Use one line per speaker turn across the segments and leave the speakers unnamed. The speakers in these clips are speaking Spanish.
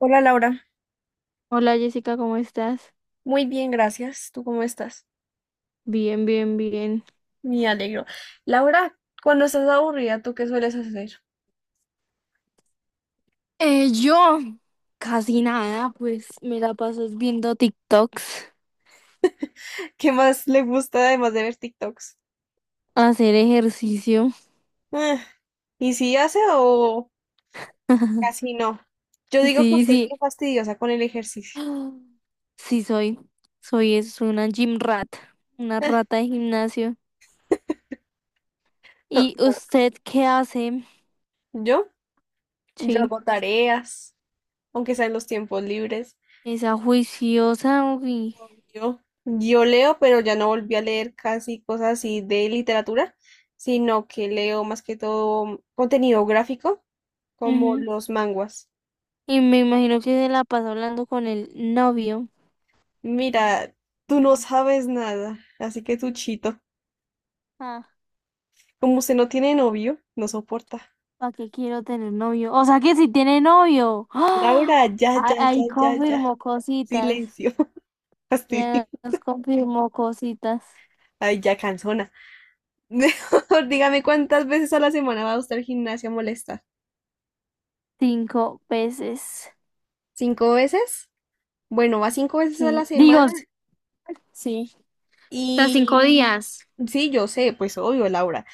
Hola Laura,
Hola Jessica, ¿cómo estás?
muy bien, gracias. ¿Tú cómo estás?
Bien, bien, bien.
Me alegro. Laura, cuando estás aburrida, ¿tú qué sueles hacer?
Yo casi nada, pues me la paso viendo TikToks,
¿Qué más le gusta además de ver TikToks?
hacer ejercicio.
Ah, ¿Y si hace o casi no? Yo digo que
Sí,
usted es
sí.
bien fastidiosa con el ejercicio.
Ah, Sí, soy. Soy es una gym rat, una
Ah,
rata de gimnasio. ¿Y usted qué hace?
¿Yo? Yo
Sí,
hago tareas, aunque sea en los tiempos libres.
esa juiciosa. Uy.
Yo leo, pero ya no volví a leer casi cosas así de literatura, sino que leo más que todo contenido gráfico, como
Ujú.
los manguas.
Y me imagino que se la pasa hablando con el novio.
Mira, tú no sabes nada, así que tú chito.
Ah,
Como usted no tiene novio, no soporta.
¿Para qué quiero tener novio? O sea que si tiene novio.
Laura,
¡Ah!
ya,
Ah,
ya,
ahí
ya, ya, ya.
confirmó cositas.
Silencio. Fastidio.
Ya nos confirmó cositas.
Ay, ya cansona. Mejor dígame cuántas veces a la semana va usted al gimnasio a molestar.
Cinco veces.
¿Cinco veces? Bueno, va cinco veces a
Sí.
la
Digo,
semana.
sí. O sea, cinco
Y
días.
sí, yo sé, pues obvio, Laura,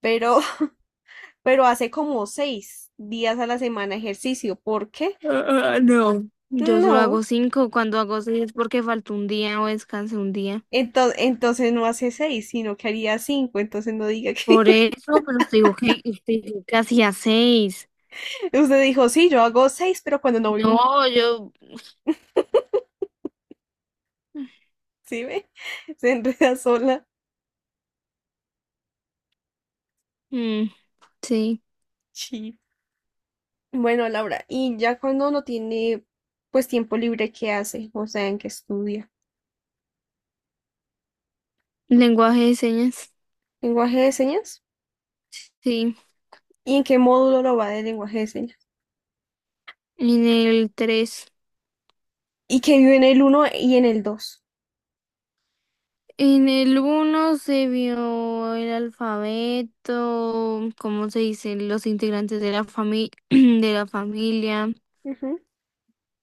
pero, pero hace como seis días a la semana ejercicio. ¿Por qué?
Ah, ah, no. Yo solo hago
No.
cinco. Cuando hago seis es porque faltó un día o descansé un día.
Entonces, no hace seis, sino que haría cinco. Entonces no diga que
Por eso, pero te digo que hacía seis.
usted dijo, sí, yo hago seis, pero cuando no voy un...
No, yo.
¿Sí ve? Se enreda sola.
Mm, sí.
Sí. Bueno, Laura, y ya cuando no tiene pues tiempo libre, ¿qué hace? O sea, ¿en qué estudia?
Lenguaje de señas.
¿Lenguaje de señas?
Sí.
¿Y en qué módulo lo va de lenguaje de señas?
En el tres.
Y que vive en el uno y en el dos.
En el uno se vio el alfabeto, cómo se dicen los integrantes de la familia, de la familia.
Ujú,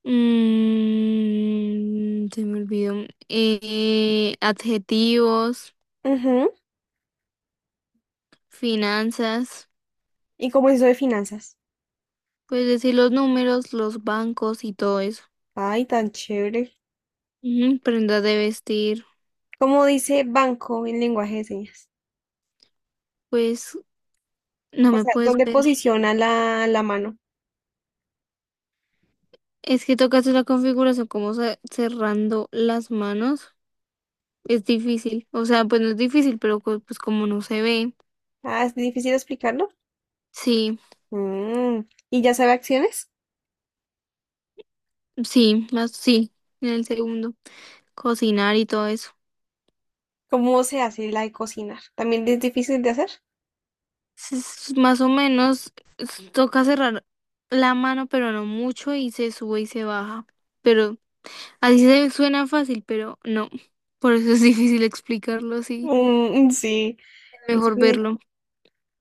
Se me olvidó. Adjetivos,
ujú.
finanzas,
Y como eso de finanzas.
pues decir los números, los bancos y todo eso.
Ay, tan chévere.
Ujú, prendas de vestir,
¿Cómo dice banco en lenguaje de señas?
pues no
O
me
sea,
puedes
¿dónde
ver.
posiciona la mano?
Es que tocas la configuración como cerrando las manos. Es difícil, o sea, pues no es difícil, pero pues como no se ve,
Ah, es difícil explicarlo.
sí,
Mm, ¿y ya sabe acciones?
sí, más sí, en el segundo, cocinar y todo eso.
¿Cómo se hace la de cocinar? ¿También es difícil de hacer?
Es más o menos toca cerrar la mano, pero no mucho, y se sube y se baja. Pero así se suena fácil, pero no, por eso es difícil explicarlo así,
Mm, sí.
es
es
mejor
muy
verlo.
di-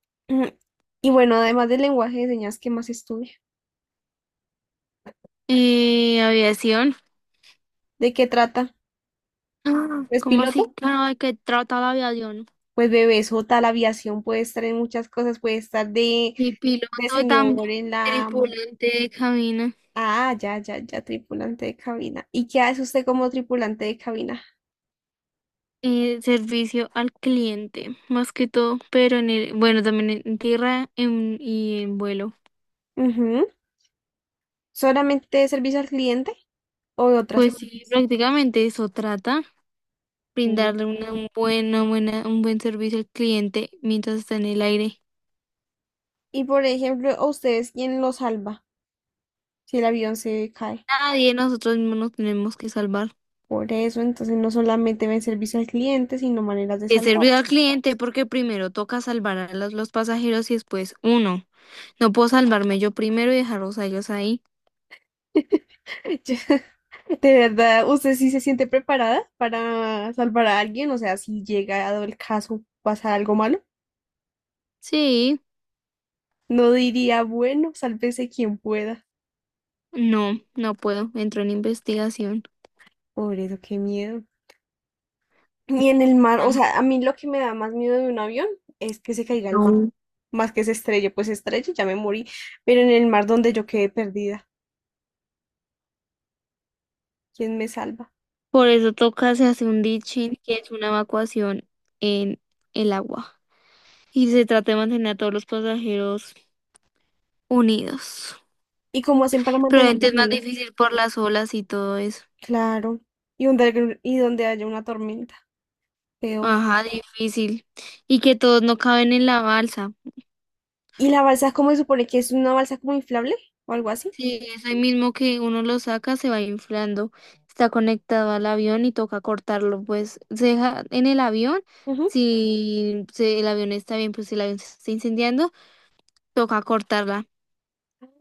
Mm, y bueno, además del lenguaje de señas, ¿qué más estudia?
Aviación,
¿De qué trata?
ah,
¿Es
¿cómo así?
piloto?
Claro, ¿de qué trata la aviación?
Pues bebé, eso, tal aviación, puede estar en muchas cosas, puede estar
Y
de
piloto y también
señor en la,
tripulante de cabina.
Ah, ya, ya, ya, tripulante de cabina. ¿Y qué hace usted como tripulante de cabina?
Servicio al cliente, más que todo, pero en el, bueno, también en tierra y en vuelo.
Ujú. ¿Solamente servicio al cliente o otras
Pues sí,
cosas?
prácticamente eso trata,
Mm.
brindarle una un buena, buena, un buen servicio al cliente mientras está en el aire.
Y por ejemplo, ¿a ustedes quién los salva si el avión se cae?
Nadie de nosotros mismos nos tenemos que salvar.
Por eso, entonces no solamente ven servicio al cliente, sino maneras de
Es servicio al
salvarse.
cliente porque primero toca salvar a los pasajeros y después uno. No puedo salvarme yo primero y dejarlos a ellos ahí.
Yo- De verdad, ¿usted sí se siente preparada para salvar a alguien? O sea, si llega a el caso, pasa algo malo.
Sí,
No diría, bueno, sálvese quien pueda.
no, no puedo. Entro en investigación.
Por eso, qué miedo. Y en el mar, o
Ah,
sea, a mí lo que me da más miedo de un avión es que se caiga al mar,
no.
más que se estrelle, pues se estrelle, ya me morí, pero en el mar donde yo quedé perdida, ¿quién me salva?
Por eso toca, se hace un ditching, que es una evacuación en el agua. Y se trata de mantener a todos los pasajeros unidos.
¿Y cómo hacen para
Pero
mantenerme
obviamente es más
unido?
difícil por las olas y todo eso.
Claro, y donde haya una tormenta, peor.
Ajá, difícil. Y que todos no caben en la balsa.
¿Y la balsa, cómo se supone que es una balsa como inflable o algo así?
Sí, es ahí mismo que uno lo saca, se va inflando. Está conectado al avión y toca cortarlo. Pues se deja en el avión.
Ujú.
Si el avión está bien, pues si el avión se está incendiando, toca cortarla.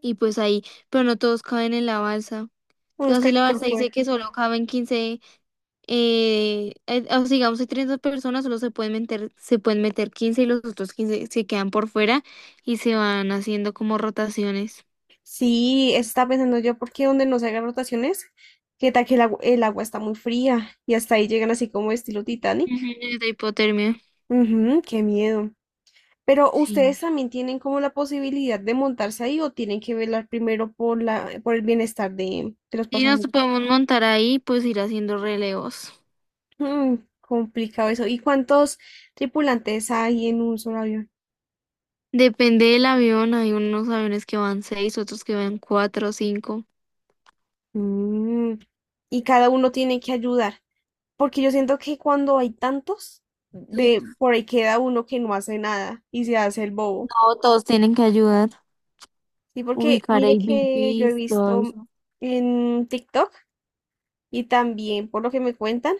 Y pues ahí, pero no todos caben en la balsa.
Unos
Digamos, si la
caen por
balsa dice
fuera.
que solo caben 15, o sea, digamos, hay 30 personas, solo se pueden meter 15 y los otros 15 se quedan por fuera y se van haciendo como rotaciones.
Sí, eso estaba pensando yo, porque donde no se hagan rotaciones, que tal que el el agua, está muy fría y hasta ahí llegan así como estilo Titanic.
Ujú, de hipotermia.
Ujú, qué miedo. Pero
Sí.
ustedes también tienen como la posibilidad de montarse ahí o tienen que velar primero por la, por el bienestar de los
Y nos
pasajeros.
podemos montar ahí, pues ir haciendo relevos.
Mm, complicado eso. ¿Y cuántos tripulantes hay en un solo avión?
Depende del avión, hay unos aviones que van seis, otros que van cuatro o cinco.
Mm, y cada uno tiene que ayudar, porque yo siento que cuando hay tantos,
Sí.
de por ahí queda uno que no hace nada y se hace el bobo.
No, todos tienen que ayudar,
Sí, porque
ubicar
mire que yo he
AVPs, todo
visto
eso.
en TikTok y también por lo que me cuentan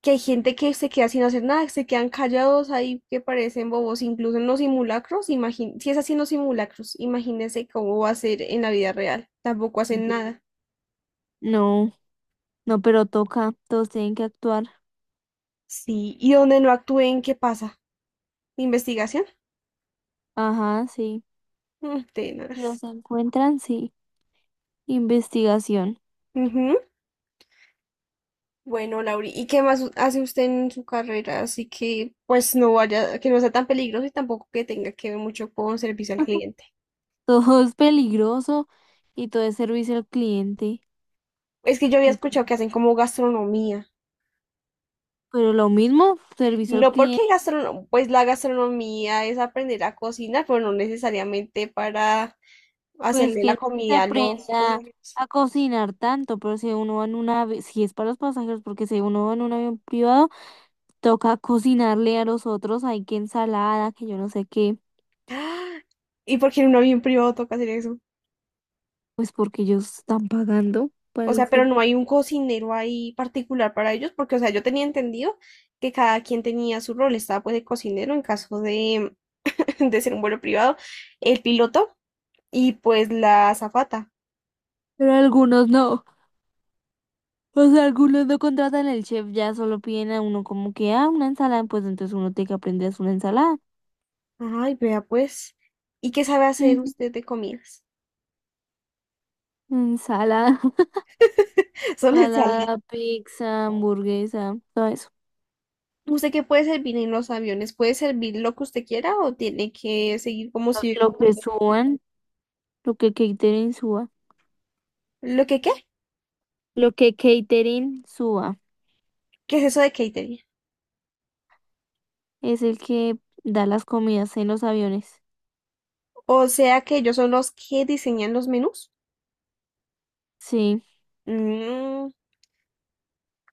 que hay gente que se queda sin hacer nada, que se quedan callados ahí, que parecen bobos, incluso en los simulacros, si es así en los simulacros, imagínense cómo va a ser en la vida real, tampoco hacen nada.
No, no, pero toca, todos tienen que actuar.
Sí, y donde no actúen, ¿qué pasa? ¿Investigación?
Ajá, sí.
Mm,
Si
tenaz.
los encuentran, sí. Investigación.
Ujú. Bueno, Lauri, ¿y qué más hace usted en su carrera? Así que, pues, no vaya, que no sea tan peligroso y tampoco que tenga que ver mucho con servicio al cliente.
Todo es peligroso y todo es servicio al cliente,
Es que yo había escuchado que
literal.
hacen como gastronomía.
Pero lo mismo, servicio al
No porque
cliente,
pues la gastronomía es aprender a cocinar, pero no necesariamente para
pues
hacerle
que
la
no se
comida a los
aprenda
pasajeros.
a cocinar tanto, pero si uno va en un avión, si es para los pasajeros, porque si uno va en un avión privado, toca cocinarle a los otros, hay que ensalada, que yo no sé qué,
¡Ah! ¿Y porque en un avión privado toca hacer eso?
pues porque ellos están pagando para
O
el
sea, pero no
servicio.
hay un cocinero ahí particular para ellos, porque, o sea, yo tenía entendido que cada quien tenía su rol. Estaba pues el cocinero en caso de, de ser un vuelo privado, el piloto y pues la azafata.
Pero algunos no. O sea, algunos no contratan al chef, ya solo piden a uno como que, ah, una ensalada, pues entonces uno tiene que aprender a hacer una ensalada.
Ay, vea pues. ¿Y qué sabe hacer
Ujú.
usted de comidas?
Ensalada,
Solo ensalada.
ensalada, pizza, hamburguesa, todo eso.
¿Usted qué puede servir en los aviones? ¿Puede servir lo que usted quiera o tiene que seguir como si...
Lo que suban, lo que catering suba.
¿Lo que qué?
Lo que catering suba
¿Qué es eso de catering?
es el que da las comidas en los aviones.
O sea que ellos son los que diseñan los menús.
Sí,
Mm,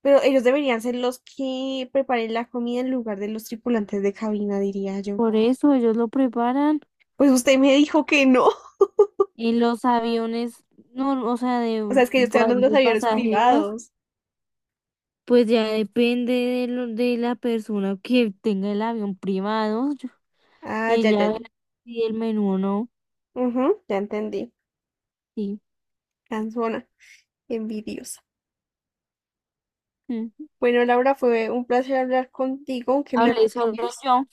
pero ellos deberían ser los que preparen la comida en lugar de los tripulantes de cabina, diría yo.
por eso ellos lo preparan
Pues usted me dijo que no.
en los aviones, no, o sea,
O sea, es que yo estoy hablando de
de
los aviones
pasajeros.
privados.
Pues ya depende de la persona que tenga el avión privado.
Ah, ya, ya,
Ella verá
ya.
si el menú o no.
Ujú, ya entendí.
Sí.
Cansona, envidiosa.
Mm.
Bueno, Laura, fue un placer hablar contigo, aunque me
Hablé solo
regañes.
yo.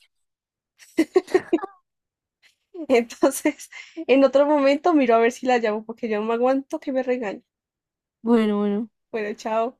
Entonces, en otro momento miro a ver si la llamo porque yo no me aguanto que me regañe.
Bueno, bueno.
Bueno, chao.